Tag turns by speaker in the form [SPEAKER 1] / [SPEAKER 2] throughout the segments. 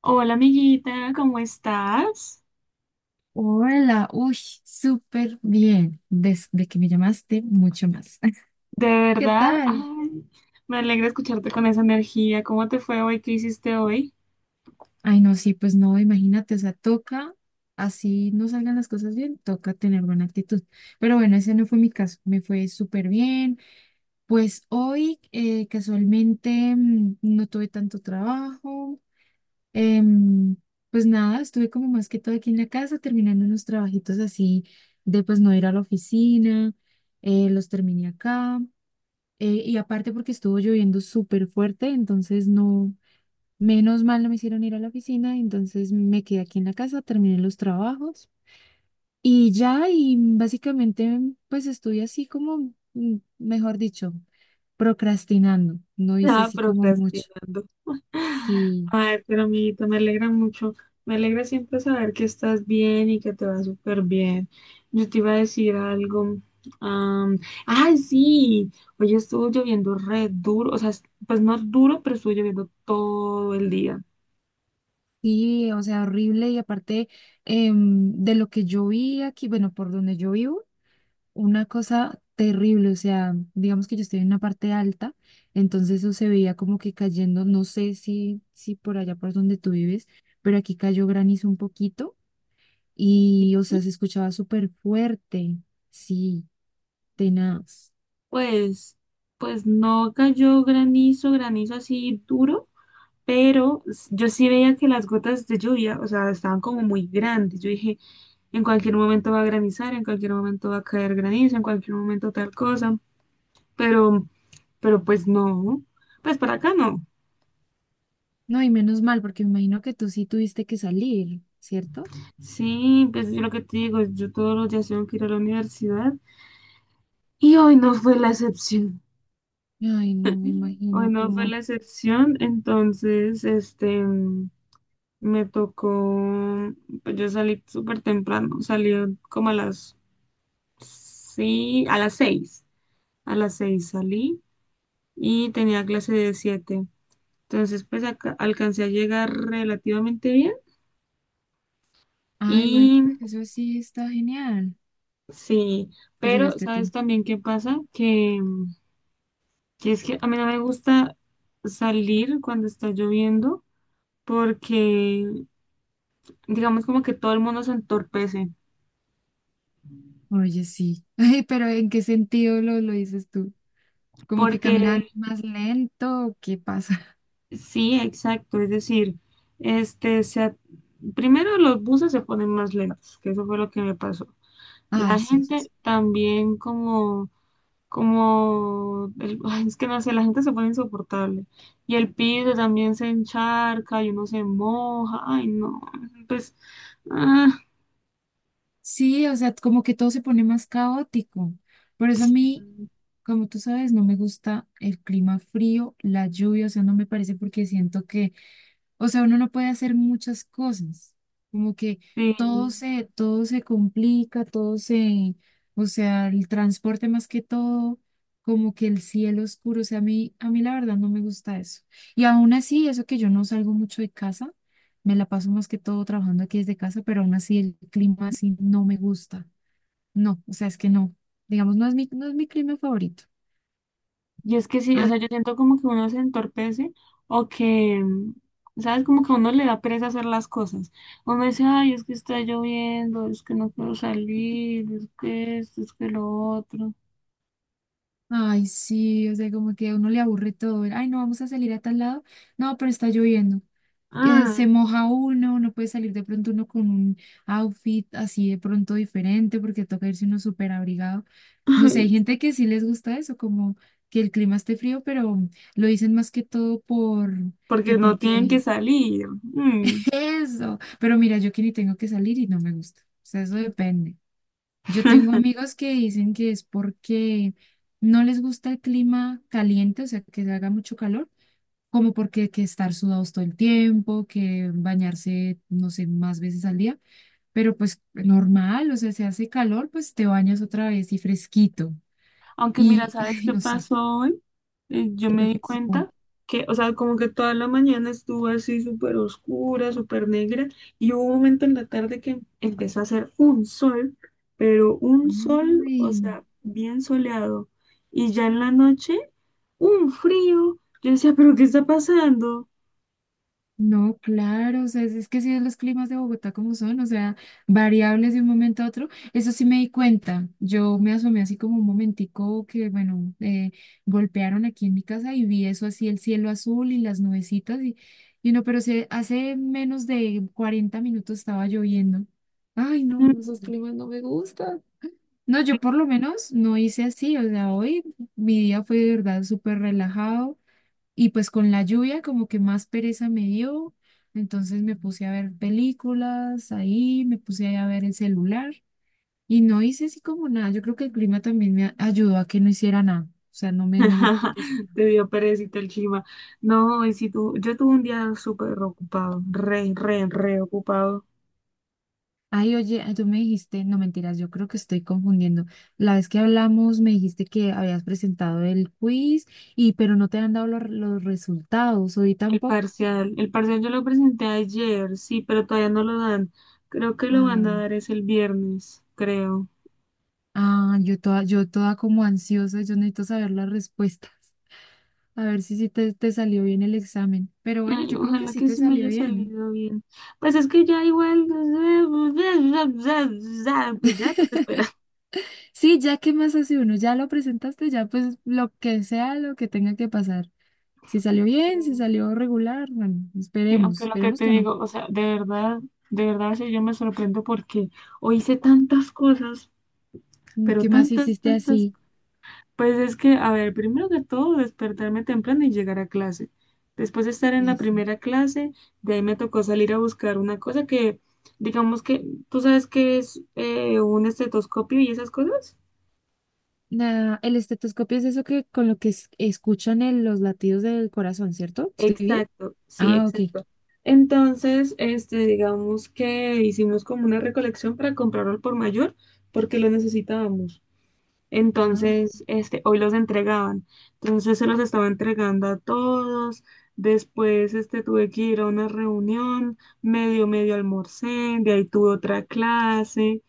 [SPEAKER 1] Hola amiguita, ¿cómo estás?
[SPEAKER 2] Hola, uy, súper bien. Desde que me llamaste, mucho más.
[SPEAKER 1] De
[SPEAKER 2] ¿Qué
[SPEAKER 1] verdad,
[SPEAKER 2] tal?
[SPEAKER 1] ay, me alegra escucharte con esa energía. ¿Cómo te fue hoy? ¿Qué hiciste hoy?
[SPEAKER 2] Ay, no, sí, pues no, imagínate, o sea, toca, así no salgan las cosas bien, toca tener buena actitud. Pero bueno, ese no fue mi caso, me fue súper bien. Pues hoy, casualmente, no tuve tanto trabajo. Em, pues nada, estuve como más que todo aquí en la casa, terminando unos trabajitos así de pues no ir a la oficina, los terminé acá. Y aparte porque estuvo lloviendo súper fuerte, entonces no, menos mal no me hicieron ir a la oficina, entonces me quedé aquí en la casa, terminé los trabajos y ya, y básicamente pues estuve así como, mejor dicho, procrastinando, no hice
[SPEAKER 1] Ah,
[SPEAKER 2] así como mucho.
[SPEAKER 1] procrastinando.
[SPEAKER 2] Sí,
[SPEAKER 1] Ay, pero amiguita, me alegra mucho. Me alegra siempre saber que estás bien y que te va súper bien. Yo te iba a decir algo. am, Ay, sí, hoy estuvo lloviendo re duro, o sea, pues no duro, pero estuvo lloviendo todo el día.
[SPEAKER 2] sí, o sea, horrible y aparte de lo que yo vi aquí, bueno, por donde yo vivo. Una cosa terrible, o sea, digamos que yo estoy en una parte alta, entonces eso se veía como que cayendo, no sé si por allá por donde tú vives, pero aquí cayó granizo un poquito y, o sea, se escuchaba súper fuerte, sí, tenaz.
[SPEAKER 1] Pues, pues no cayó granizo, granizo así duro, pero yo sí veía que las gotas de lluvia, o sea, estaban como muy grandes. Yo dije, en cualquier momento va a granizar, en cualquier momento va a caer granizo, en cualquier momento tal cosa, pero, pero pues no. Pues para acá no.
[SPEAKER 2] No, y menos mal, porque me imagino que tú sí tuviste que salir, ¿cierto?
[SPEAKER 1] Sí, pues yo lo que te digo, yo todos los días tengo que ir a la universidad y hoy no fue la excepción.
[SPEAKER 2] Ay, no, me
[SPEAKER 1] Hoy
[SPEAKER 2] imagino
[SPEAKER 1] no fue
[SPEAKER 2] como,
[SPEAKER 1] la excepción, entonces, me tocó, pues yo salí súper temprano, salí como a las, sí, a las seis salí y tenía clase de siete. Entonces, pues acá alcancé a llegar relativamente bien
[SPEAKER 2] ay, bueno,
[SPEAKER 1] y
[SPEAKER 2] pues eso sí está genial,
[SPEAKER 1] sí,
[SPEAKER 2] que
[SPEAKER 1] pero
[SPEAKER 2] llegaste a
[SPEAKER 1] ¿sabes
[SPEAKER 2] tiempo.
[SPEAKER 1] también qué pasa? Que es que a mí no me gusta salir cuando está lloviendo porque digamos como que todo el mundo se entorpece
[SPEAKER 2] Oye, sí. Ay, pero ¿en qué sentido lo dices tú? Como que
[SPEAKER 1] porque
[SPEAKER 2] caminan más lento, ¿o qué pasa?
[SPEAKER 1] sí, exacto. Es decir, este, se a- primero los buses se ponen más lentos, que eso fue lo que me pasó.
[SPEAKER 2] Ay,
[SPEAKER 1] La
[SPEAKER 2] sí, eso es-
[SPEAKER 1] gente también ay, es que no sé, la gente se pone insoportable. Y el piso también se encharca y uno se moja. Ay, no. Pues, ah,
[SPEAKER 2] Sí, o sea, como que todo se pone más caótico. Por eso a
[SPEAKER 1] sí,
[SPEAKER 2] mí, como tú sabes, no me gusta el clima frío, la lluvia, o sea, no me parece porque siento que o sea, uno no puede hacer muchas cosas, como que
[SPEAKER 1] sí.
[SPEAKER 2] todo se complica, todo se, o sea, el transporte más que todo, como que el cielo oscuro, o sea, a mí la verdad no me gusta eso. Y aún así, eso que yo no salgo mucho de casa, me la paso más que todo trabajando aquí desde casa, pero aún así el clima así no me gusta. No, o sea, es que no, digamos, no es mi clima favorito.
[SPEAKER 1] Y es que sí, o
[SPEAKER 2] Ah,
[SPEAKER 1] sea, yo siento como que uno se entorpece o que, ¿sabes? Como que a uno le da pereza hacer las cosas. Uno dice, ay, es que está lloviendo, es que no quiero salir, es que esto, es que lo otro.
[SPEAKER 2] ay, sí, o sea, como que a uno le aburre todo. Ay, no, vamos a salir a tal lado. No, pero está lloviendo. Se
[SPEAKER 1] Ah,
[SPEAKER 2] moja uno, no puede salir de pronto uno con un outfit así de pronto diferente porque toca irse uno súper abrigado. No sé, hay gente que sí les gusta eso, como que el clima esté frío, pero lo dicen más que todo por que
[SPEAKER 1] porque no tienen que
[SPEAKER 2] porque
[SPEAKER 1] salir. Mm.
[SPEAKER 2] eso. Pero mira, yo que ni tengo que salir y no me gusta. O sea, eso depende. Yo tengo amigos que dicen que es porque no les gusta el clima caliente, o sea, que haga mucho calor, como porque que estar sudados todo el tiempo, que bañarse, no sé, más veces al día, pero pues normal, o sea, si hace calor, pues te bañas otra vez y fresquito.
[SPEAKER 1] Aunque mira,
[SPEAKER 2] Y,
[SPEAKER 1] ¿sabes
[SPEAKER 2] ay,
[SPEAKER 1] qué
[SPEAKER 2] no sé,
[SPEAKER 1] pasó hoy? Yo
[SPEAKER 2] ¿qué
[SPEAKER 1] me
[SPEAKER 2] te
[SPEAKER 1] di
[SPEAKER 2] pasó?
[SPEAKER 1] cuenta que, o sea, como que toda la mañana estuvo así súper oscura, súper negra, y hubo un momento en la tarde que empezó a hacer un sol, pero un sol, o
[SPEAKER 2] Ay.
[SPEAKER 1] sea, bien soleado. Y ya en la noche, un frío. Yo decía, ¿pero qué está pasando?
[SPEAKER 2] No, claro, o sea, es que sí, los climas de Bogotá como son, o sea, variables de un momento a otro, eso sí me di cuenta, yo me asomé así como un momentico que, bueno, golpearon aquí en mi casa y vi eso así, el cielo azul y las nubecitas y no, pero se, hace menos de 40 minutos estaba lloviendo. Ay, no,
[SPEAKER 1] Mm.
[SPEAKER 2] no, esos climas no me gustan. No, yo por lo menos no hice así, o sea, hoy mi día fue de verdad súper relajado. Y pues con la lluvia como que más pereza me dio, entonces me puse a ver películas ahí, me puse ahí a ver el celular y no hice así como nada. Yo creo que el clima también ayudó a que no hiciera nada, o sea, no me apeteció.
[SPEAKER 1] Te dio perecita el chima. No, y si tú, yo tuve un día súper ocupado, re, re, re ocupado.
[SPEAKER 2] Ay, oye, tú me dijiste, no mentiras, yo creo que estoy confundiendo. La vez que hablamos me dijiste que habías presentado el quiz y pero no te han dado los resultados, hoy tampoco.
[SPEAKER 1] El parcial yo lo presenté ayer, sí, pero todavía no lo dan. Creo que lo van
[SPEAKER 2] Ah,
[SPEAKER 1] a dar es el viernes, creo.
[SPEAKER 2] yo toda, yo toda como ansiosa, yo necesito saber las respuestas. A ver si sí te salió bien el examen. Pero bueno,
[SPEAKER 1] Ay,
[SPEAKER 2] yo creo que
[SPEAKER 1] ojalá
[SPEAKER 2] sí
[SPEAKER 1] que
[SPEAKER 2] te
[SPEAKER 1] sí me
[SPEAKER 2] salió
[SPEAKER 1] haya
[SPEAKER 2] bien.
[SPEAKER 1] salido bien. Pues es que ya igual, pues ya toca esperar.
[SPEAKER 2] Sí, ya qué más hace uno, ya lo presentaste, ya pues lo que sea lo que tenga que pasar. Si salió bien, si
[SPEAKER 1] Mm,
[SPEAKER 2] salió regular, bueno,
[SPEAKER 1] sí,
[SPEAKER 2] esperemos,
[SPEAKER 1] aunque lo que
[SPEAKER 2] esperemos
[SPEAKER 1] te
[SPEAKER 2] que no.
[SPEAKER 1] digo, o sea, de verdad, sí, yo me sorprendo porque hoy hice tantas cosas,
[SPEAKER 2] Mm,
[SPEAKER 1] pero
[SPEAKER 2] ¿qué más
[SPEAKER 1] tantas,
[SPEAKER 2] hiciste
[SPEAKER 1] tantas.
[SPEAKER 2] así?
[SPEAKER 1] Pues es que, a ver, primero que todo, despertarme temprano y llegar a clase. Después de estar en
[SPEAKER 2] Ay,
[SPEAKER 1] la
[SPEAKER 2] sí.
[SPEAKER 1] primera clase, de ahí me tocó salir a buscar una cosa que, digamos que, ¿tú sabes qué es un estetoscopio y esas cosas?
[SPEAKER 2] Nada, el estetoscopio es eso que con lo que escuchan los latidos del corazón, ¿cierto? ¿Estoy bien?
[SPEAKER 1] Exacto, sí,
[SPEAKER 2] Ah, ok.
[SPEAKER 1] exacto. Entonces, este, digamos que hicimos como una recolección para comprarlo al por mayor porque lo necesitábamos.
[SPEAKER 2] Ah,
[SPEAKER 1] Entonces, este, hoy los entregaban. Entonces se los estaba entregando a todos. Después, este, tuve que ir a una reunión, medio, medio almorcé, de ahí tuve otra clase.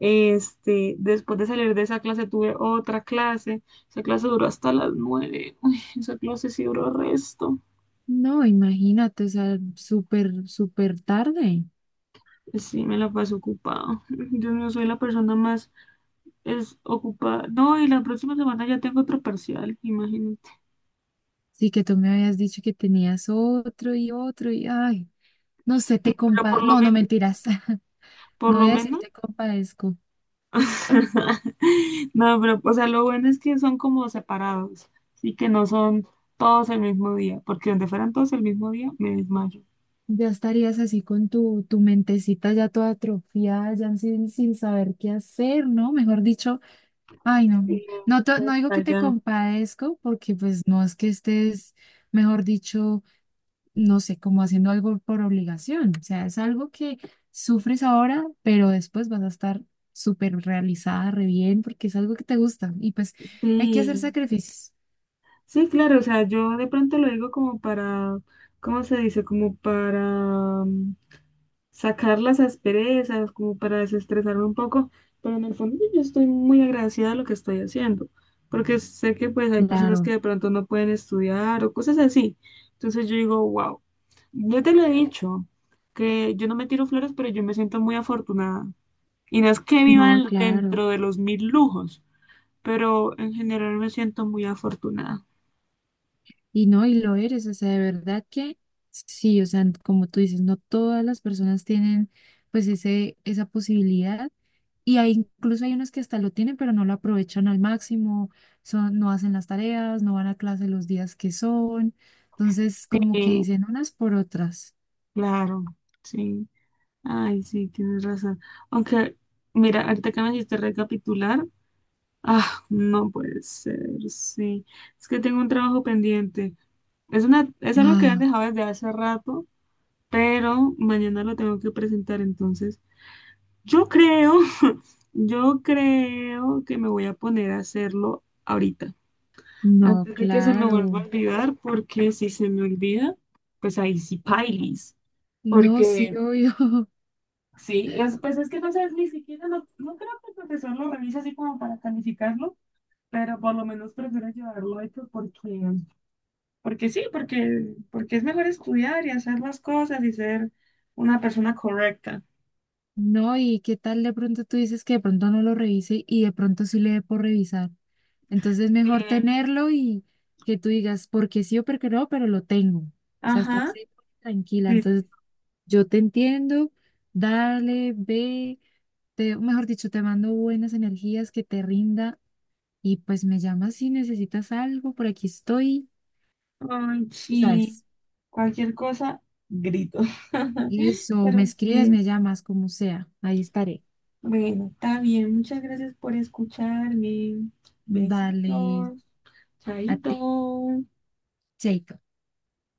[SPEAKER 1] Este, después de salir de esa clase tuve otra clase. Esa clase duró hasta las nueve. Uy, esa clase sí duró resto.
[SPEAKER 2] no, imagínate, o sea, súper, súper tarde.
[SPEAKER 1] Sí, me la pasé ocupado. Yo no soy la persona más es ocupada. No, y la próxima semana ya tengo otro parcial, imagínate.
[SPEAKER 2] Sí, que tú me habías dicho que tenías otro y otro y ay, no sé,
[SPEAKER 1] Sí,
[SPEAKER 2] te
[SPEAKER 1] pero
[SPEAKER 2] compa,
[SPEAKER 1] por lo
[SPEAKER 2] no, no
[SPEAKER 1] menos,
[SPEAKER 2] mentiras,
[SPEAKER 1] por
[SPEAKER 2] no voy
[SPEAKER 1] lo
[SPEAKER 2] a decir
[SPEAKER 1] menos
[SPEAKER 2] te compadezco.
[SPEAKER 1] No, pero, o sea, lo bueno es que son como separados, sí que no son todos el mismo día, porque donde fueran todos el mismo día, me desmayo.
[SPEAKER 2] Ya estarías así con tu mentecita ya toda atrofiada, ya sin saber qué hacer, ¿no? Mejor dicho, ay, no,
[SPEAKER 1] Sí,
[SPEAKER 2] no,
[SPEAKER 1] ya
[SPEAKER 2] no digo
[SPEAKER 1] está
[SPEAKER 2] que te
[SPEAKER 1] ya.
[SPEAKER 2] compadezco porque pues no es que estés, mejor dicho, no sé, como haciendo algo por obligación. O sea, es algo que sufres ahora, pero después vas a estar súper realizada, re bien, porque es algo que te gusta. Y pues hay que hacer
[SPEAKER 1] Sí,
[SPEAKER 2] sacrificios.
[SPEAKER 1] sí, claro, o sea, yo de pronto lo digo como para, ¿cómo se dice? Como para sacar las asperezas, como para desestresarme un poco, pero en el fondo yo estoy muy agradecida de lo que estoy haciendo, porque sé que pues hay personas que
[SPEAKER 2] Claro,
[SPEAKER 1] de pronto no pueden estudiar o cosas así. Entonces yo digo, wow, yo te lo he dicho, que yo no me tiro flores, pero yo me siento muy afortunada. Y no es que viva
[SPEAKER 2] no, claro.
[SPEAKER 1] dentro de los mil lujos, pero en general me siento muy afortunada.
[SPEAKER 2] Y no, y lo eres. O sea, de verdad que sí, o sea, como tú dices, no todas las personas tienen esa posibilidad. Y hay, incluso hay unos que hasta lo tienen, pero no lo aprovechan al máximo, son, no hacen las tareas, no van a clase los días que son. Entonces, como que
[SPEAKER 1] Eh,
[SPEAKER 2] dicen unas por otras.
[SPEAKER 1] claro, sí. Ay, sí, tienes razón. Aunque, mira, ahorita que me hiciste recapitular, ah, no puede ser, sí. Es que tengo un trabajo pendiente. Es una, es algo que han
[SPEAKER 2] Ah,
[SPEAKER 1] dejado desde hace rato, pero mañana lo tengo que presentar, entonces yo creo, yo creo que me voy a poner a hacerlo ahorita,
[SPEAKER 2] no,
[SPEAKER 1] antes de que se me vuelva
[SPEAKER 2] claro.
[SPEAKER 1] a olvidar, porque si se me olvida, pues ahí sí pailis,
[SPEAKER 2] No, sí,
[SPEAKER 1] porque
[SPEAKER 2] obvio.
[SPEAKER 1] sí, es, pues es que no sé, ni siquiera, no creo que el profesor lo revise así como para calificarlo, pero por lo menos prefiero llevarlo hecho porque porque sí, porque, porque es mejor estudiar y hacer las cosas y ser una persona correcta.
[SPEAKER 2] No, y qué tal de pronto tú dices que de pronto no lo revise y de pronto sí le dé por revisar. Entonces
[SPEAKER 1] Sí.
[SPEAKER 2] mejor tenerlo y que tú digas, porque sí o porque no, pero lo tengo. O sea, estar
[SPEAKER 1] Ajá,
[SPEAKER 2] segura y tranquila.
[SPEAKER 1] sí,
[SPEAKER 2] Entonces
[SPEAKER 1] sí.
[SPEAKER 2] yo te entiendo, dale, ve, te, mejor dicho, te mando buenas energías, que te rinda y pues me llamas si necesitas algo, por aquí estoy,
[SPEAKER 1] Ay,
[SPEAKER 2] tú
[SPEAKER 1] sí.
[SPEAKER 2] sabes.
[SPEAKER 1] Cualquier cosa, grito.
[SPEAKER 2] Y eso, me
[SPEAKER 1] Pero
[SPEAKER 2] escribes,
[SPEAKER 1] sí,
[SPEAKER 2] me llamas, como sea, ahí estaré.
[SPEAKER 1] bueno, está bien. Muchas gracias por escucharme.
[SPEAKER 2] Dale,
[SPEAKER 1] Besitos.
[SPEAKER 2] a ti,
[SPEAKER 1] Chaito.
[SPEAKER 2] Chaito.